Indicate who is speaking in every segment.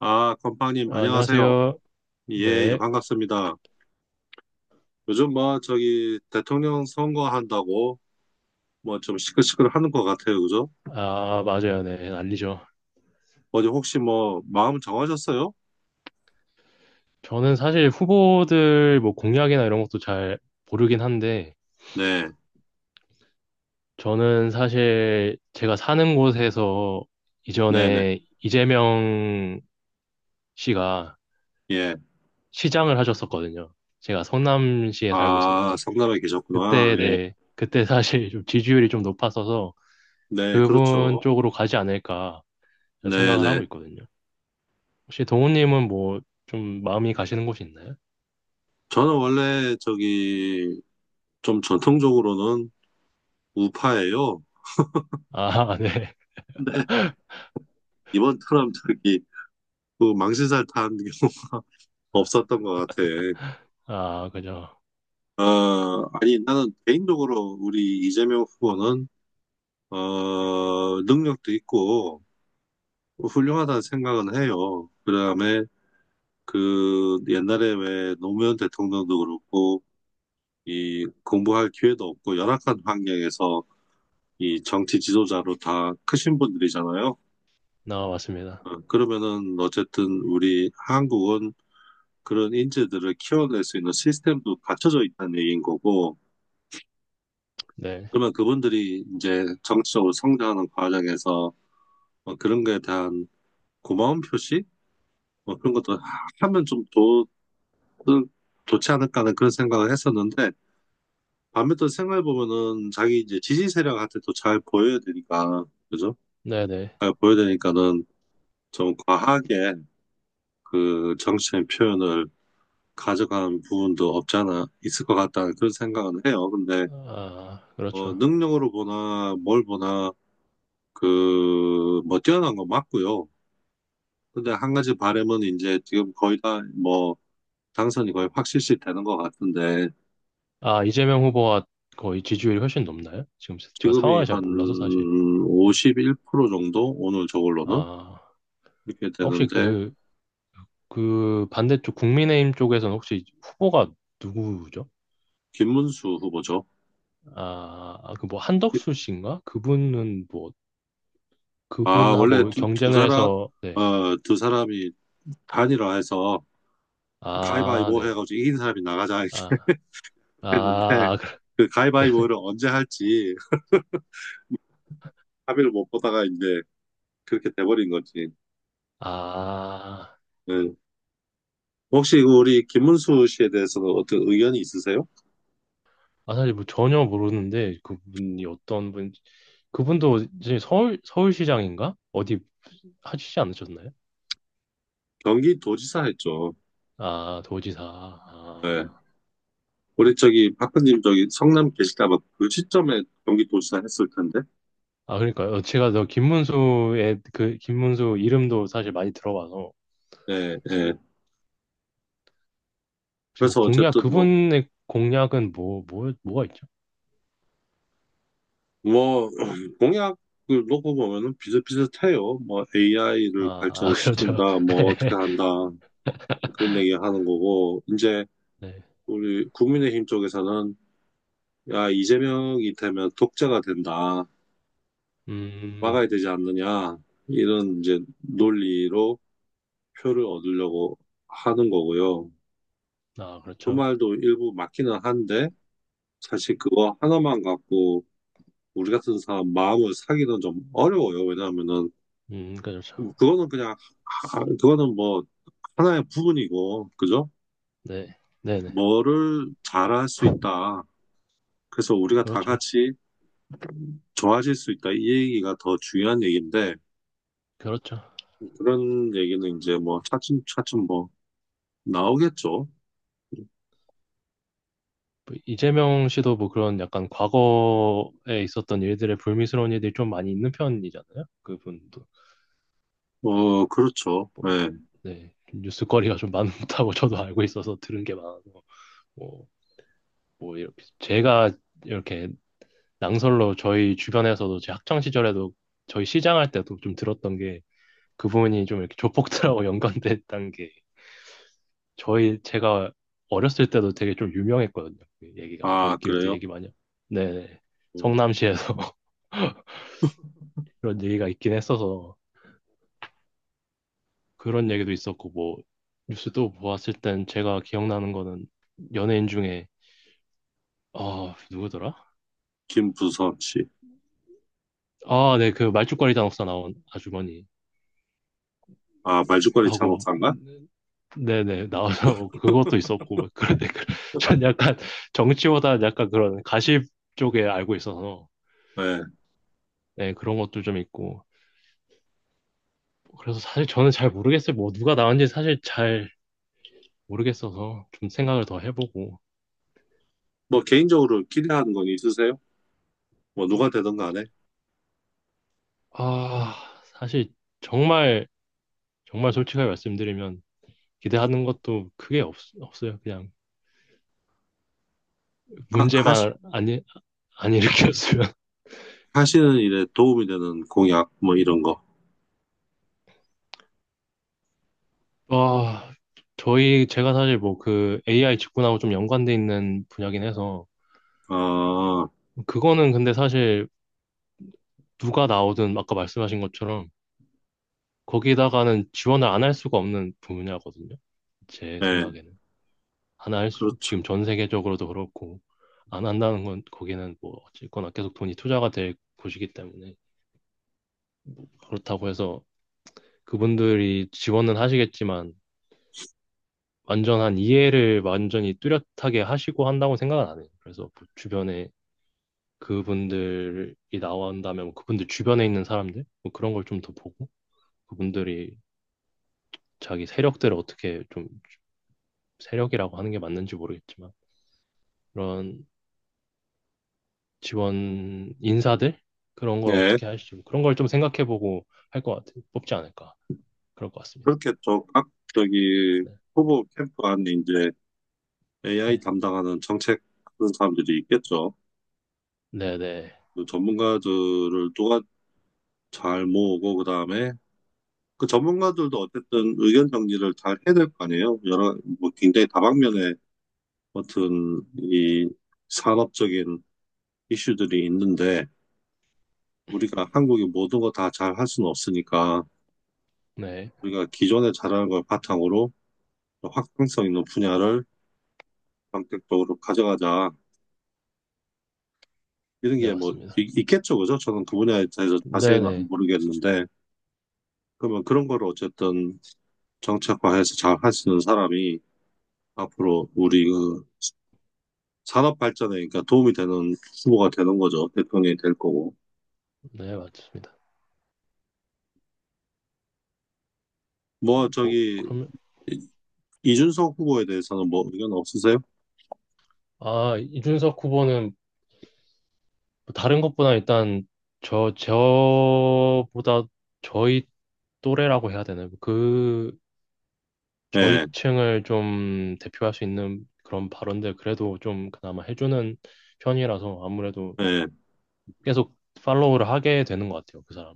Speaker 1: 아, 건빵님,
Speaker 2: 아,
Speaker 1: 안녕하세요.
Speaker 2: 안녕하세요.
Speaker 1: 예, 예,
Speaker 2: 네.
Speaker 1: 반갑습니다. 요즘 뭐, 저기, 대통령 선거한다고, 뭐, 좀 시끌시끌 하는 것 같아요, 그죠?
Speaker 2: 아, 맞아요. 네. 알리죠.
Speaker 1: 어제 혹시 뭐, 마음 정하셨어요?
Speaker 2: 저는 사실 후보들 뭐 공약이나 이런 것도 잘 모르긴 한데,
Speaker 1: 네,
Speaker 2: 저는 사실 제가 사는 곳에서
Speaker 1: 네네,
Speaker 2: 이전에 이재명 씨가
Speaker 1: 예.
Speaker 2: 시장을 하셨었거든요. 제가 성남시에 살고
Speaker 1: 아,
Speaker 2: 있어서.
Speaker 1: 성남에 계셨구나.
Speaker 2: 그때,
Speaker 1: 예.
Speaker 2: 네. 그때 사실 좀 지지율이 좀 높았어서
Speaker 1: 네,
Speaker 2: 그분
Speaker 1: 그렇죠.
Speaker 2: 쪽으로 가지 않을까 저는 생각을 하고
Speaker 1: 네네.
Speaker 2: 있거든요. 혹시 동훈님은 뭐 좀 마음이 가시는 곳이 있나요?
Speaker 1: 저는 원래, 저기, 좀 전통적으로는 우파예요.
Speaker 2: 아, 네.
Speaker 1: 근데, 이번 처럼 저기, 그 망신살 탄 게
Speaker 2: 아,
Speaker 1: 없었던 것 같아.
Speaker 2: 아, 그죠.
Speaker 1: 어, 아니, 나는 개인적으로 우리 이재명 후보는, 어, 능력도 있고, 훌륭하다는 생각은 해요. 그 다음에, 그, 옛날에 왜 노무현 대통령도 그렇고, 이, 공부할 기회도 없고, 열악한 환경에서 이 정치 지도자로 다 크신 분들이잖아요.
Speaker 2: 나와봤습니다.
Speaker 1: 어, 그러면은, 어쨌든 우리 한국은 그런 인재들을 키워낼 수 있는 시스템도 갖춰져 있다는 얘기인 거고,
Speaker 2: 네.
Speaker 1: 그러면 그분들이 이제 정치적으로 성장하는 과정에서 뭐 그런 거에 대한 고마운 표시? 뭐 그런 것도 하면 좀 더, 좋지 않을까 하는 그런 생각을 했었는데, 밤에 또 생각해 보면은 자기 이제 지지 세력한테 또 잘 보여야 되니까, 그죠?
Speaker 2: 네네.
Speaker 1: 잘 보여야 되니까는 좀 과하게 그 정치적인 표현을 가져간 부분도 없지 않아 있을 것 같다는 그런 생각은 해요. 근데,
Speaker 2: 아,
Speaker 1: 어
Speaker 2: 그렇죠.
Speaker 1: 능력으로 보나, 뭘 보나, 그, 뭐, 뛰어난 건 맞고요. 근데 한 가지 바람은 이제 지금 거의 다 뭐, 당선이 거의 확실시 되는 것 같은데
Speaker 2: 아, 이재명 후보가 거의 지지율이 훨씬 높나요? 지금 제가
Speaker 1: 지금이
Speaker 2: 상황을 잘
Speaker 1: 한
Speaker 2: 몰라서 사실. 네.
Speaker 1: 51% 정도 오늘 저걸로는
Speaker 2: 아,
Speaker 1: 이렇게
Speaker 2: 혹시
Speaker 1: 되는데
Speaker 2: 그, 그 반대쪽 국민의힘 쪽에서는 혹시 후보가 누구죠?
Speaker 1: 김문수 후보죠.
Speaker 2: 아, 아, 그뭐 한덕수 씨인가? 그분은 뭐,
Speaker 1: 아 원래
Speaker 2: 그분하고
Speaker 1: 두
Speaker 2: 경쟁을
Speaker 1: 사람
Speaker 2: 해서, 네.
Speaker 1: 어, 두 사람이 단일화해서
Speaker 2: 아,
Speaker 1: 가위바위보
Speaker 2: 네.
Speaker 1: 해가지고 이긴 사람이 나가자 이렇게
Speaker 2: 아, 아,
Speaker 1: 했는데
Speaker 2: 아,
Speaker 1: 그
Speaker 2: 그렇네.
Speaker 1: 가위바위보를 언제 할지 합의를 못 보다가 이제 그렇게 돼버린 거지.
Speaker 2: 아,
Speaker 1: 예. 혹시 그 우리 김문수 씨에 대해서는 어떤 의견이 있으세요?
Speaker 2: 아, 사실 뭐 전혀 모르는데 그분이 어떤 분, 그분도 이제 서울, 서울시장인가? 어디 하시지 않으셨나요?
Speaker 1: 경기도지사 했죠.
Speaker 2: 아, 도지사.
Speaker 1: 네.
Speaker 2: 아,
Speaker 1: 우리 저기 박근님 저기 성남 계시다가 그 시점에 경기 도시사 했을 텐데.
Speaker 2: 아 그러니까요. 어, 제가 저 김문수의 그, 김문수 이름도 사실 많이 들어봐서
Speaker 1: 예, 예.
Speaker 2: 혹시 뭐
Speaker 1: 그래서
Speaker 2: 공약,
Speaker 1: 어쨌든 뭐,
Speaker 2: 그분의 공약은 뭐, 뭐, 뭐가 있죠?
Speaker 1: 뭐, 공약을 놓고 보면은 비슷비슷해요. 뭐 AI를
Speaker 2: 아, 아, 그렇죠.
Speaker 1: 발전시킨다, 뭐 어떻게 한다, 뭐 그런 얘기 하는 거고, 이제
Speaker 2: 네.
Speaker 1: 우리 국민의힘 쪽에서는 야, 이재명이 되면 독재가 된다.
Speaker 2: 음,
Speaker 1: 막아야 되지 않느냐. 이런 이제 논리로 표를 얻으려고 하는 거고요.
Speaker 2: 아,
Speaker 1: 그
Speaker 2: 그렇죠.
Speaker 1: 말도 일부 맞기는 한데, 사실 그거 하나만 갖고 우리 같은 사람 마음을 사기는 좀 어려워요. 왜냐하면은
Speaker 2: 그렇죠.
Speaker 1: 그거는 그냥 그거는 뭐 하나의 부분이고 그죠?
Speaker 2: 네. 네네.
Speaker 1: 뭐를 잘할 수 있다. 그래서 우리가 다
Speaker 2: 그렇죠.
Speaker 1: 같이 좋아질 수 있다. 이 얘기가 더 중요한 얘기인데
Speaker 2: 그렇죠.
Speaker 1: 그런 얘기는 이제 뭐 차츰 차츰 뭐 나오겠죠.
Speaker 2: 뭐 이재명 씨도 뭐 그런 약간 과거에 있었던 일들의 불미스러운 일들이 좀 많이 있는 편이잖아요. 그분도
Speaker 1: 어 그렇죠.
Speaker 2: 뭐
Speaker 1: 네.
Speaker 2: 네, 뉴스거리가 좀 많다고 저도 알고 있어서 들은 게 많아서 뭐, 뭐 이렇게 제가 이렇게 낭설로 저희 주변에서도 제 학창 시절에도 저희 시장 할 때도 좀 들었던 게 그분이 좀 이렇게 조폭들하고 연관됐다는 게 저희 제가 어렸을 때도 되게 좀 유명했거든요. 그 얘기가
Speaker 1: 아
Speaker 2: 저희끼리도
Speaker 1: 그래요.
Speaker 2: 얘기 많이. 네네.
Speaker 1: 어,
Speaker 2: 성남시에서 그런 얘기가 있긴 했어서 그런 얘기도 있었고 뭐 뉴스도 보았을 땐 제가 기억나는 거는 연예인 중에 아 누구더라?
Speaker 1: 김부섭 씨.
Speaker 2: 아, 네, 그 말죽거리 단옥사 나온 아주머니
Speaker 1: 아 말죽거리
Speaker 2: 하고
Speaker 1: 장옥사인가?
Speaker 2: 네네 나와서 그것도 있었고 막 그런데 전 약간 정치보다 약간 그런 가십 쪽에 알고 있어서
Speaker 1: 네.
Speaker 2: 네 그런 것도 좀 있고 그래서 사실 저는 잘 모르겠어요 뭐 누가 나왔는지 사실 잘 모르겠어서 좀 생각을 더 해보고
Speaker 1: 뭐 개인적으로 기대하는 건 있으세요? 뭐 누가 되든 간에
Speaker 2: 아 사실 정말 정말 솔직하게 말씀드리면 기대하는 것도 크게 없, 없어요. 그냥
Speaker 1: 하, 하시,
Speaker 2: 문제만 안, 안 일으켰으면.
Speaker 1: 하시는 일에 도움이 되는 공약 뭐 이런 거.
Speaker 2: 와, 저희 제가 사실 뭐 그 AI 직군하고 좀 연관돼 있는 분야긴 해서
Speaker 1: 아,
Speaker 2: 그거는 근데 사실 누가 나오든 아까 말씀하신 것처럼 거기다가는 지원을 안 할 수가 없는 분야거든요. 제
Speaker 1: 예,
Speaker 2: 생각에는 안 할 수,
Speaker 1: 그렇죠.
Speaker 2: 지금 전 세계적으로도 그렇고 안 한다는 건 거기는 뭐 어쨌거나 계속 돈이 투자가 될 곳이기 때문에 그렇다고 해서 그분들이 지원은 하시겠지만 완전한 이해를 완전히 뚜렷하게 하시고 한다고 생각은 안 해요. 그래서 뭐 주변에 그분들이 나온다면 뭐 그분들 주변에 있는 사람들 뭐 그런 걸 좀 더 보고 그분들이 자기 세력들을 어떻게 좀 세력이라고 하는 게 맞는지 모르겠지만 그런 지원 인사들 그런 걸
Speaker 1: 예,
Speaker 2: 어떻게 할지 뭐 그런 걸 좀 생각해보고 할 것 같아요. 뽑지 않을까 그럴 것 같습니다.
Speaker 1: 그렇게 또 각, 저기
Speaker 2: 네,
Speaker 1: 후보 캠프 안에 이제 AI 담당하는 정책 그런 사람들이 있겠죠.
Speaker 2: 네, 네,
Speaker 1: 그 전문가들을 누가 잘 모으고 그다음에 그 전문가들도 어쨌든 의견 정리를 잘 해야 될 거 아니에요. 여러 뭐 굉장히 다방면의 어떤 이 산업적인 이슈들이 있는데 우리가 한국의 모든 거 다 잘할 수는 없으니까
Speaker 2: 네,
Speaker 1: 우리가 기존에 잘하는 걸 바탕으로 확장성 있는 분야를 선택적으로 가져가자. 이런
Speaker 2: 네,
Speaker 1: 게 뭐
Speaker 2: 맞습니다.
Speaker 1: 있겠죠, 그죠? 저는 그 분야에 대해서
Speaker 2: 네,
Speaker 1: 자세히는
Speaker 2: 네,
Speaker 1: 모르겠는데 그러면 그런 거를 어쨌든 정책화해서 잘할 수 있는 사람이 앞으로 우리 그 산업 발전에 그러니까 도움이 되는 후보가 되는 거죠. 대통령이 될 거고.
Speaker 2: 네, 맞습니다. 어,
Speaker 1: 뭐
Speaker 2: 뭐,
Speaker 1: 저기
Speaker 2: 그러면,
Speaker 1: 이준석 후보에 대해서는 뭐 의견 없으세요?
Speaker 2: 아, 이준석 후보는 뭐 다른 것보다 일단 저보다 저희 또래라고 해야 되나요? 뭐 그, 저희
Speaker 1: 예,
Speaker 2: 층을 좀 대표할 수 있는 그런 발언들 그래도 좀 그나마 해주는 편이라서 아무래도
Speaker 1: 예.
Speaker 2: 계속 팔로우를 하게 되는 것 같아요, 그 사람.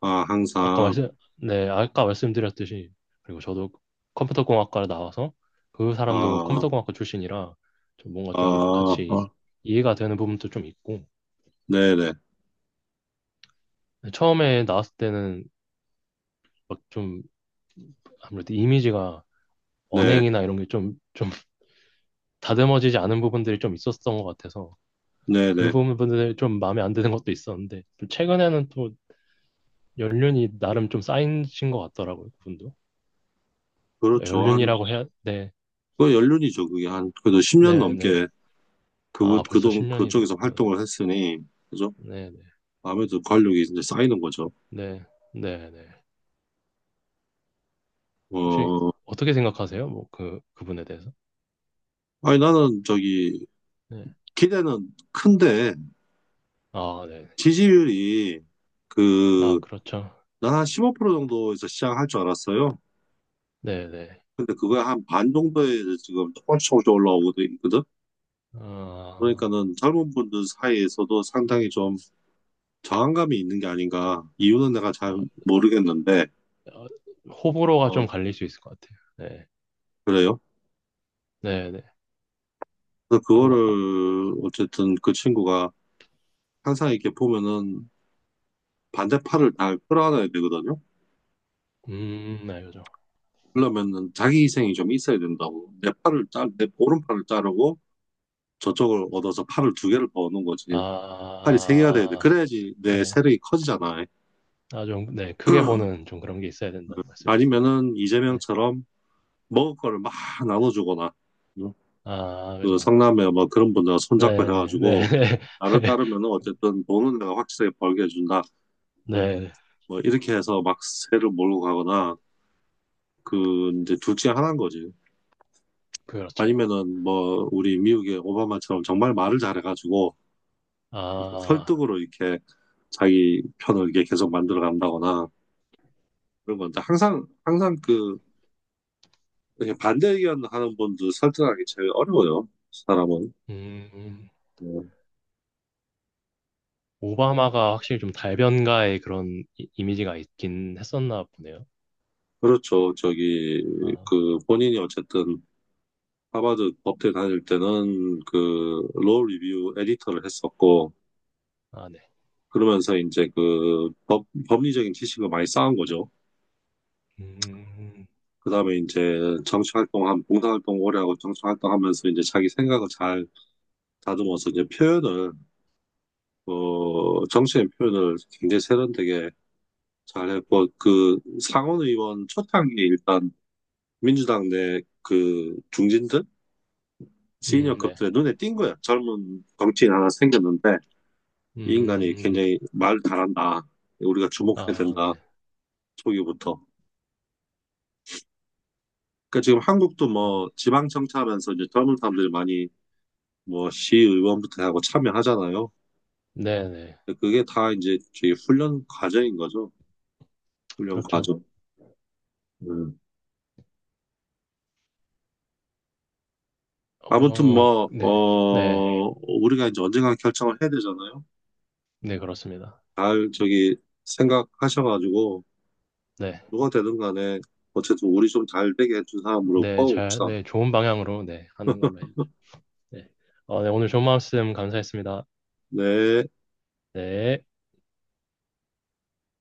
Speaker 1: 아,
Speaker 2: 아까
Speaker 1: 항상
Speaker 2: 말씀, 네, 아까 말씀드렸듯이, 그리고 저도 컴퓨터공학과를 나와서 그 사람도 뭐
Speaker 1: 아,
Speaker 2: 컴퓨터공학과 출신이라 좀 뭔가
Speaker 1: 아,
Speaker 2: 좀 같이
Speaker 1: 어,
Speaker 2: 이해가 되는 부분도 좀 있고,
Speaker 1: 네네,
Speaker 2: 네, 처음에 나왔을 때는 막 좀 아무래도 이미지가
Speaker 1: 네,
Speaker 2: 언행이나 이런 게 좀 다듬어지지 않은 부분들이 좀 있었던 것 같아서 그
Speaker 1: 네네.
Speaker 2: 부분들이 좀 마음에 안 드는 것도 있었는데 또 최근에는 또 연륜이 나름 좀 쌓이신 것 같더라고요, 그분도.
Speaker 1: 그렇죠. 한,
Speaker 2: 연륜이라고 해야, 네,
Speaker 1: 그 연륜이죠. 그게 한, 그래도 10년
Speaker 2: 네, 네.
Speaker 1: 넘게 그,
Speaker 2: 아, 벌써 10년이
Speaker 1: 그쪽에서
Speaker 2: 됐군요.
Speaker 1: 활동을 했으니, 그죠?
Speaker 2: 네, 네,
Speaker 1: 아무래도 관록이 이제 쌓이는 거죠.
Speaker 2: 네, 네, 네. 네. 혹시
Speaker 1: 어,
Speaker 2: 어떻게 생각하세요? 뭐 그, 그분에 대해서?
Speaker 1: 아니, 나는 저기,
Speaker 2: 네.
Speaker 1: 기대는 큰데,
Speaker 2: 아, 네.
Speaker 1: 지지율이
Speaker 2: 아,
Speaker 1: 그,
Speaker 2: 그렇죠.
Speaker 1: 난 한 15% 정도에서 시작할 줄 알았어요.
Speaker 2: 네, 네.
Speaker 1: 근데 그거에 한 반 정도에 지금 조금씩 조금씩 올라오고 있거든?
Speaker 2: 아,
Speaker 1: 그러니까는 젊은 분들 사이에서도 상당히 저항감이 있는 게 아닌가. 이유는 내가 잘 모르겠는데,
Speaker 2: 어, 호불호가 좀
Speaker 1: 어,
Speaker 2: 갈릴 수 있을 것 같아요. 네,
Speaker 1: 그래요.
Speaker 2: 네, 네.
Speaker 1: 그래서
Speaker 2: 뭐, 아,
Speaker 1: 그거를, 어쨌든 그 친구가 항상 이렇게 보면은 반대팔을 다 끌어안아야 되거든요.
Speaker 2: 알죠.
Speaker 1: 그러면은 자기 희생이 좀 있어야 된다고. 내 팔을 내 오른팔을 자르고 저쪽을 얻어서 팔을 두 개를 버는 거지. 팔이 세 개가 돼야 돼.
Speaker 2: 아,
Speaker 1: 그래야지 내
Speaker 2: 네.
Speaker 1: 세력이 커지잖아.
Speaker 2: 아, 좀, 네. 크게 보는 좀 그런 게 있어야
Speaker 1: 응.
Speaker 2: 된다는 말씀이시죠.
Speaker 1: 아니면은
Speaker 2: 네.
Speaker 1: 이재명처럼 먹을 거를 막 나눠주거나, 응?
Speaker 2: 아,
Speaker 1: 그
Speaker 2: 그죠.
Speaker 1: 상남에 뭐 그런 분들 손잡고
Speaker 2: 네, 네, 네,
Speaker 1: 해가지고
Speaker 2: 네.
Speaker 1: 나를 따르면은 어쨌든 돈은 내가 확실하게 벌게 해준다. 네.
Speaker 2: 네,
Speaker 1: 뭐 이렇게 해서 막 새를 몰고 가거나 그 이제 둘 중에 하나인 거지.
Speaker 2: 그렇죠.
Speaker 1: 아니면은 뭐 우리 미국의 오바마처럼 정말 말을 잘해가지고 이제
Speaker 2: 아,
Speaker 1: 설득으로 이렇게 자기 편을 이렇게 계속 만들어 간다거나 그런 건데 항상 그 이렇게 반대 의견 하는 분들 설득하기 제일 어려워요. 사람은.
Speaker 2: 음,
Speaker 1: 네.
Speaker 2: 오바마가 확실히 좀 달변가의 그런 이, 이미지가 있긴 했었나 보네요.
Speaker 1: 그렇죠. 저기
Speaker 2: 아,
Speaker 1: 그 본인이 어쨌든 하버드 법대 다닐 때는 그, 로 리뷰 에디터를 했었고,
Speaker 2: 아, 네.
Speaker 1: 그러면서 이제 그 법리적인 지식을 많이 쌓은 거죠.
Speaker 2: 음,
Speaker 1: 그 다음에 이제 봉사활동 오래 하고 정치활동하면서 이제 자기 생각을 잘 다듬어서 이제 표현을, 어, 정치인 표현을 굉장히 세련되게 잘했고, 그 상원의원 초창기에 일단 민주당 내 그 중진들,
Speaker 2: 네.
Speaker 1: 시니어급들의 눈에 띈 거야. 젊은 정치인 하나 생겼는데, 이 인간이
Speaker 2: 음,
Speaker 1: 굉장히 말 잘한다. 우리가 주목해야
Speaker 2: 아, 네.
Speaker 1: 된다. 초기부터. 그러니까 지금 한국도 뭐 지방청차하면서 이제 젊은 사람들이 많이 뭐 시의원부터 하고 참여하잖아요.
Speaker 2: 네네.
Speaker 1: 근데 그게 다 이제 저희 훈련 과정인 거죠. 훈련
Speaker 2: 그렇죠.
Speaker 1: 과정. 음. 아무튼
Speaker 2: 어,
Speaker 1: 뭐,
Speaker 2: 네, 네,
Speaker 1: 어, 우리가 이제 언젠가 결정을 해야 되잖아요.
Speaker 2: 네, 그렇습니다.
Speaker 1: 잘 저기 생각하셔가지고
Speaker 2: 네,
Speaker 1: 누가 되든 간에 어쨌든 우리 좀 잘 되게 해준 사람으로
Speaker 2: 네, 잘,
Speaker 1: 뽑아봅시다.
Speaker 2: 네, 좋은 방향으로, 네, 하는 걸로 해야죠. 네. 어, 네, 오늘 좋은 말씀 감사했습니다.
Speaker 1: 네.
Speaker 2: 네.